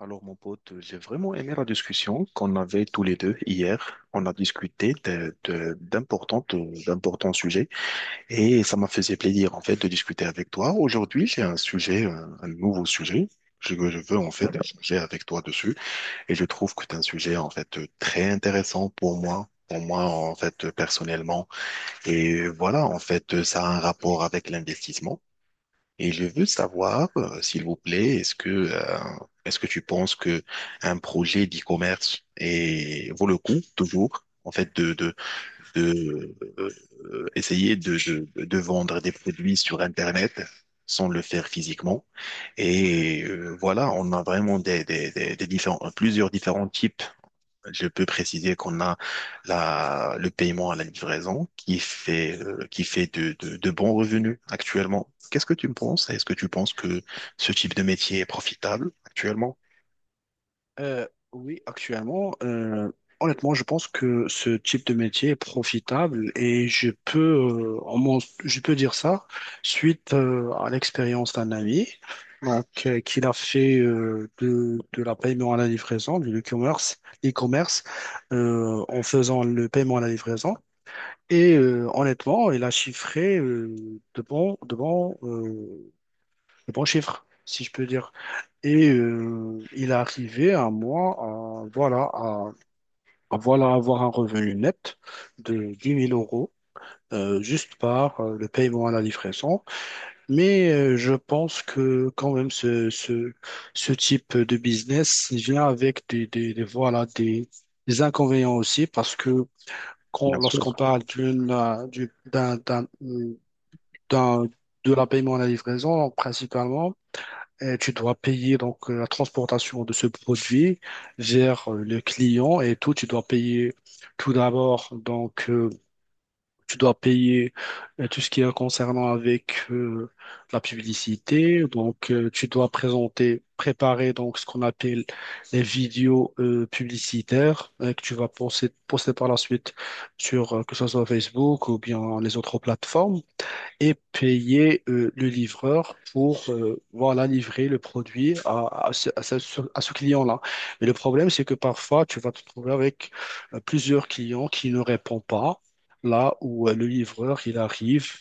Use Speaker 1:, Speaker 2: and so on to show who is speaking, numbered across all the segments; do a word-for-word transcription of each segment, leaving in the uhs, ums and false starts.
Speaker 1: Alors, mon pote, j'ai vraiment aimé la discussion qu'on avait tous les deux hier. On a discuté de, de- d'importantes, d'importants sujets et ça m'a fait plaisir, en fait, de discuter avec toi. Aujourd'hui, j'ai un sujet, un, un nouveau sujet je- que je je veux, en fait, échanger avec toi dessus et je trouve que c'est un sujet, en fait, très intéressant pour moi. Pour moi, en fait, personnellement. Et voilà, en fait, ça a un rapport avec l'investissement. Et je veux savoir, euh, s'il vous plaît, est-ce que, euh, est-ce que tu penses que un projet d'e-commerce est- vaut le coup toujours, en fait, de, de, de, euh, essayer de, de, de vendre des produits sur Internet sans le faire physiquement. Et euh, voilà, on a vraiment des, des, des, des différents, plusieurs différents types, je peux préciser qu'on a la, le paiement à la livraison qui fait, euh, qui fait de, de, de bons revenus actuellement. Qu'est-ce que tu me penses? Est-ce que tu penses que ce type de métier est profitable actuellement?
Speaker 2: Euh, oui, actuellement, euh, honnêtement, je pense que ce type de métier est profitable et je peux, euh, en mon- je peux dire ça suite euh, à l'expérience d'un ami donc, euh, qu'il a fait euh, de, de la paiement à la livraison, du e-commerce, e-commerce euh, en faisant le paiement à la livraison. Et euh, honnêtement, il a chiffré euh, de bons de bons de bons chiffres, si je peux dire. Et euh, il est arrivé à moi, à, voilà, à, à voilà, avoir un revenu net de dix mille euros. Euh, juste par euh, le paiement à la livraison. Mais euh, je pense que quand même ce, ce, ce type de business il vient avec des, des, des- voilà, des, des inconvénients aussi parce que quand-
Speaker 1: Bien
Speaker 2: lorsqu'on
Speaker 1: sûr,
Speaker 2: parle d'une, euh, du- d'un, d'un, d'un- de la paiement à la livraison, principalement, et tu dois payer donc euh, la transportation de ce produit vers euh, le client et tout. Tu dois payer tout d'abord donc euh, tu dois payer euh, tout ce qui est concernant avec euh, la publicité. Donc euh, tu dois présenter, préparer donc ce qu'on appelle les vidéos euh, publicitaires euh, que tu vas poster, poster par la suite sur euh, que ce soit Facebook ou bien les autres plateformes et payer euh, le livreur pour euh, voilà, livrer le produit à, à ce, à ce- à ce client-là. Mais le problème, c'est que parfois, tu vas te trouver avec euh, plusieurs clients qui ne répondent pas là où euh, le livreur, il arrive.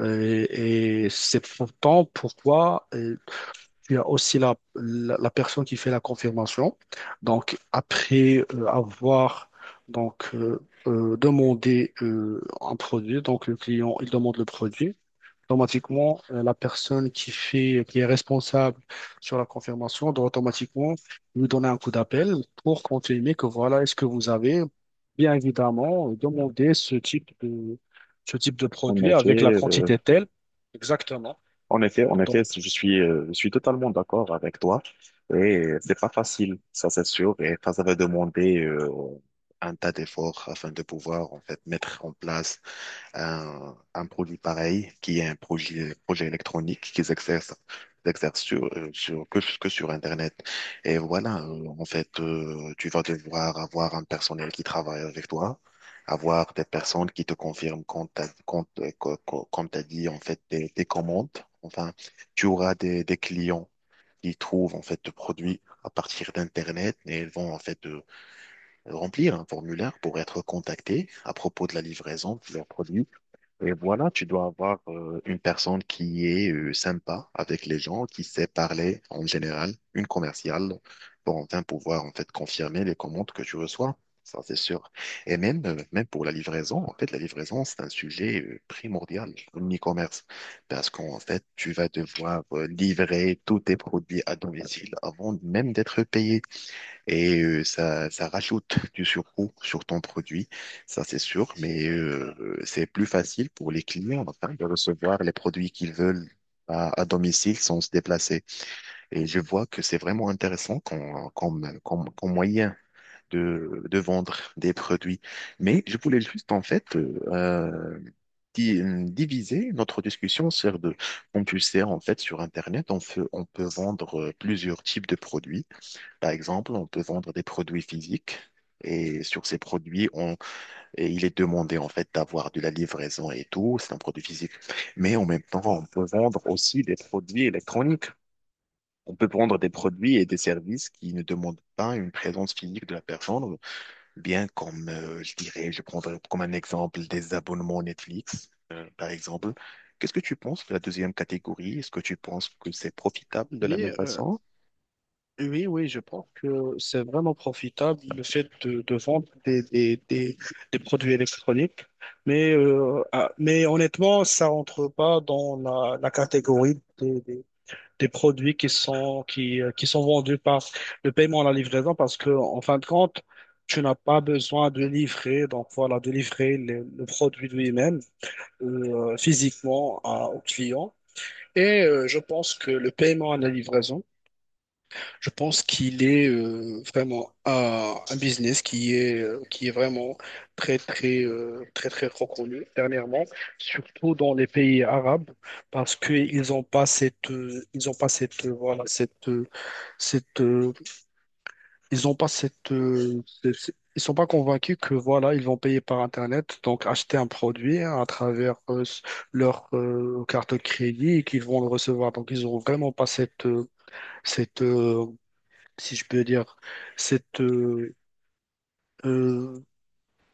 Speaker 2: Euh, et c'est pourtant pourquoi euh, tu as aussi la, la, la personne qui fait la confirmation. Donc, après euh, avoir donc, euh, euh, demandé euh, un produit, donc le client, il demande le produit automatiquement, euh, la personne qui fait, qui est responsable sur la confirmation doit automatiquement lui donner un coup d'appel pour confirmer que voilà, est-ce que vous avez bien évidemment demandé ce type de, ce type de
Speaker 1: en
Speaker 2: produit
Speaker 1: effet,
Speaker 2: avec la
Speaker 1: euh,
Speaker 2: quantité telle. Exactement.
Speaker 1: en effet, en effet,
Speaker 2: Donc,
Speaker 1: je suis, euh, je suis totalement d'accord avec toi. Et c'est pas facile, ça c'est sûr. Et ça, ça va demander, euh, un tas d'efforts afin de pouvoir en fait mettre en place un, un produit pareil qui est un projet, projet électronique qu'ils exercent, qu'ils exercent sur, euh, sur, que, que sur Internet. Et voilà, euh, en fait, euh, tu vas devoir avoir un personnel qui travaille avec toi, avoir des personnes qui te confirment quand t'as, quand, euh, co- co- comme t'as dit, en fait, tes, tes commandes. Enfin, tu auras des, des clients qui trouvent, en fait, de produits à partir d'Internet et ils vont, en fait, euh, remplir un formulaire pour être contactés à propos de la livraison de leurs produits. Et voilà, tu dois avoir euh, une personne qui est euh, sympa avec les gens, qui sait parler en général, une commerciale, pour enfin pouvoir en fait confirmer les commandes que tu reçois. Ça, c'est sûr. Et même, euh, même pour la livraison, en fait, la livraison, c'est un sujet euh, primordial en e-commerce. Parce qu'en fait, tu vas devoir euh, livrer tous tes produits à domicile avant même d'être payé. Et euh, ça, ça rajoute du surcoût sur ton produit, ça c'est sûr, mais euh, c'est plus facile pour les clients enfin, de recevoir les produits qu'ils veulent à, à domicile sans se déplacer. Et je vois que c'est vraiment intéressant comme, comme, comme, comme moyen de, de vendre des produits. Mais je voulais juste en fait euh, euh, di- diviser notre discussion sur deux. Comme tu le sais, en fait, sur Internet, on peut, on peut vendre euh, plusieurs types de produits. Par exemple, on peut vendre des produits physiques et sur ces produits, on, et il est demandé en fait d'avoir de la livraison et tout. C'est un produit physique. Mais en même temps, on peut vendre aussi des produits électroniques. On peut vendre des produits et des services qui ne demandent pas une présence physique de la personne, bien comme, euh, je dirais, je prendrais comme un exemple des abonnements Netflix, euh, par exemple. Qu'est-ce que tu penses de la deuxième catégorie? Est-ce que tu penses que c'est profitable de la
Speaker 2: oui,
Speaker 1: même
Speaker 2: euh,
Speaker 1: façon?
Speaker 2: oui, oui, je pense que c'est vraiment profitable le fait de, de vendre des, des, des, des produits électroniques. Mais, euh, ah, mais honnêtement, ça rentre pas dans la, la catégorie des, des- des produits qui sont, qui, euh, qui sont vendus par le paiement à la livraison parce que, en fin de compte, tu n'as pas besoin de livrer, donc voilà, de livrer le, le produit lui-même euh, physiquement à- au client. Et euh, je pense que le paiement à la livraison, je pense qu'il est euh, vraiment un, un business qui est, euh, qui est vraiment très, très, euh, très, très reconnu dernièrement, surtout dans les pays arabes parce qu'ils n'ont pas cette, euh, ils ont pas cette, euh, voilà, cette euh, cette, euh, ils ont pas cette, euh, ce- ce- ils sont pas convaincus que voilà, ils vont payer par Internet, donc acheter un produit hein, à travers euh, s- leur euh, carte de crédit et qu'ils vont le recevoir. Donc ils ont vraiment pas cette, euh, cette, euh, si je peux dire, cette, euh, euh,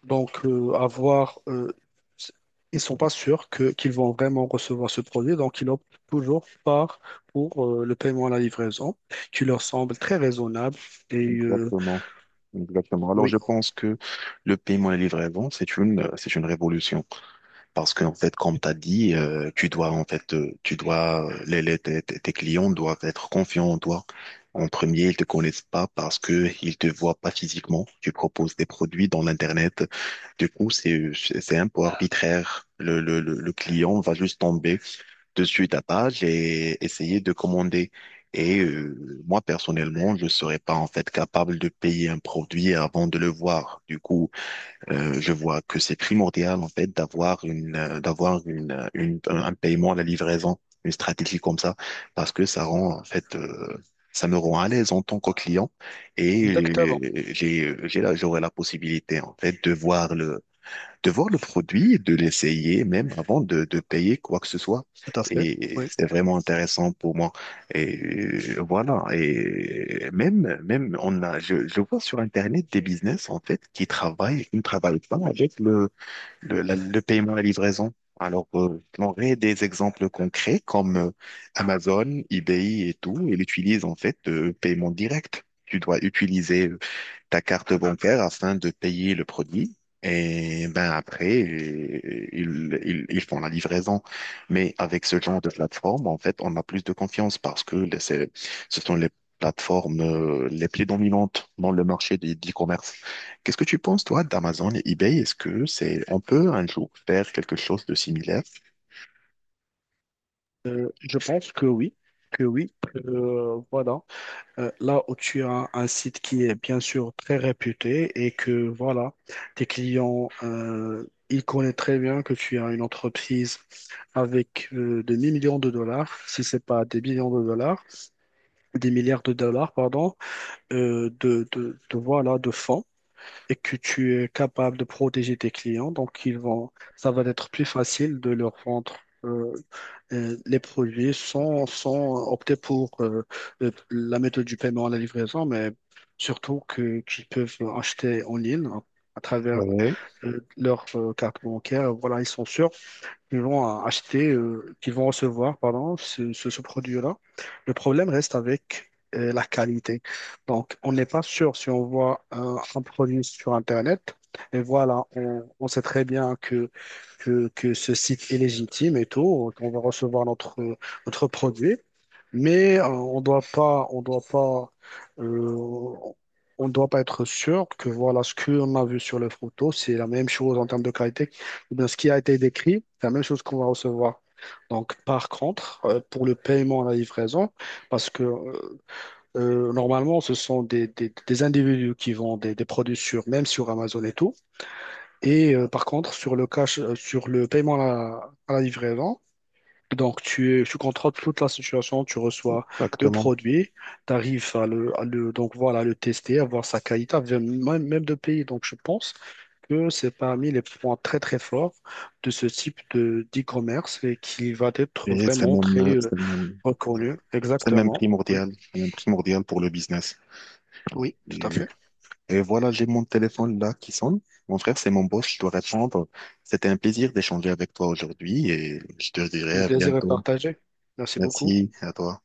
Speaker 2: donc euh, avoir, euh, s- ils sont pas sûrs que qu'ils vont vraiment recevoir ce produit, donc ils optent toujours par pour euh, le paiement à la livraison, qui leur semble très raisonnable et euh,
Speaker 1: Exactement. Exactement. Alors,
Speaker 2: oui,
Speaker 1: je pense que le paiement à la livraison, c'est une, euh, c'est une révolution. Parce que en fait, comme tu as dit, euh, tu dois, en fait, euh, tu dois, euh, les, les- tes, tes- tes clients doivent être confiants en toi. En premier, ils te connaissent pas parce que ils te voient pas physiquement. Tu proposes des produits dans l'Internet. Du coup, c'est, c'est un peu arbitraire. Le, le, le le client va juste tomber dessus ta page et essayer de commander. Et euh, moi, personnellement, je ne serais pas en fait capable de payer un produit avant de le voir. Du coup, euh, je vois que c'est primordial en fait d'avoir une, euh, d'avoir une, euh, une, un un paiement à la livraison, une stratégie comme ça, parce que ça rend en fait, euh, ça me rend à l'aise en tant que client et
Speaker 2: exactement.
Speaker 1: euh, j'ai, j'ai, la- j'aurai la possibilité en fait de voir le de voir le produit, et de l'essayer même avant de, de payer quoi que ce soit.
Speaker 2: Tout à fait.
Speaker 1: Et
Speaker 2: Oui.
Speaker 1: c'est vraiment intéressant pour moi. Et euh, voilà. Et même, même, on a, je, je vois sur Internet des business, en fait, qui travaillent, qui ne travaillent pas avec le, le, la- le paiement à la livraison. Alors, euh, j'aurais des exemples concrets comme euh, Amazon, eBay et tout, ils utilisent en fait de paiement direct. Tu dois utiliser euh, ta carte bancaire afin de payer le produit. Et ben après, euh, ils, ils, ils font la livraison. Mais avec ce genre de plateforme, en fait, on a plus de confiance parce que les- c'est- ce sont les plateformes euh, les plus dominantes dans le marché de l'e-commerce. Qu'est-ce que tu penses, toi, d'Amazon et eBay? Est-ce que c'est, on peut un jour faire quelque chose de similaire?
Speaker 2: Je pense que oui. Que oui. Euh, voilà. Euh, là où tu as un site qui est bien sûr très réputé et que voilà, tes clients, euh, ils connaissent très bien que tu as une entreprise avec euh, des millions de dollars, si c'est pas des millions de dollars, des milliards de dollars, pardon, euh, de, de, de, voilà, de fonds et que tu es capable de protéger tes clients. Donc, ils vont, ça va être plus facile de leur vendre. euh, euh, les produits sont, sont optés pour euh, le- la méthode du paiement à la livraison, mais surtout que qu'ils peuvent acheter en ligne à, à travers
Speaker 1: Ouais,
Speaker 2: euh, leur euh, carte bancaire. Voilà, ils sont sûrs qui vont acheter, euh, qui vont recevoir, pardon, ce, ce, ce produit-là. Le problème reste avec euh, la qualité. Donc, on n'est pas sûr si on voit un, un produit sur Internet. Et voilà, on, on sait très bien que, que, que ce site est légitime et tout, qu'on va recevoir notre, notre produit. Mais euh, on doit pas, on doit pas, euh, on doit pas être sûr que voilà ce qu'on a vu sur les photos, c'est la même chose en termes de qualité ou bien ce qui a été décrit, c'est la même chose qu'on va recevoir. Donc, par contre, euh, pour le paiement à la livraison, parce que euh, euh, normalement, ce sont des, des- des individus qui vendent des, des produits sur, même sur Amazon et tout. Et euh, par contre, sur le cash, euh, sur le paiement à la, à la livraison, donc tu, tu contrôles toute la situation, tu reçois le
Speaker 1: exactement.
Speaker 2: produit, tu arrives à le, à le- donc voilà, le tester, à voir sa qualité, à même, même de payer. Donc, je pense que c'est parmi les points très très forts de ce type de d'e-commerce et qui va être
Speaker 1: Et c'est
Speaker 2: vraiment très
Speaker 1: même,
Speaker 2: euh,
Speaker 1: c'est même,
Speaker 2: reconnu.
Speaker 1: c'est même
Speaker 2: Exactement. Oui,
Speaker 1: primordial, c'est même primordial pour le business.
Speaker 2: oui, tout
Speaker 1: Et
Speaker 2: à fait.
Speaker 1: Et voilà, j'ai mon téléphone là qui sonne. Mon frère, c'est mon boss, je dois répondre. C'était un plaisir d'échanger avec toi aujourd'hui et je te dirai
Speaker 2: Le
Speaker 1: à
Speaker 2: plaisir est
Speaker 1: bientôt.
Speaker 2: partagé. Merci beaucoup.
Speaker 1: Merci à toi.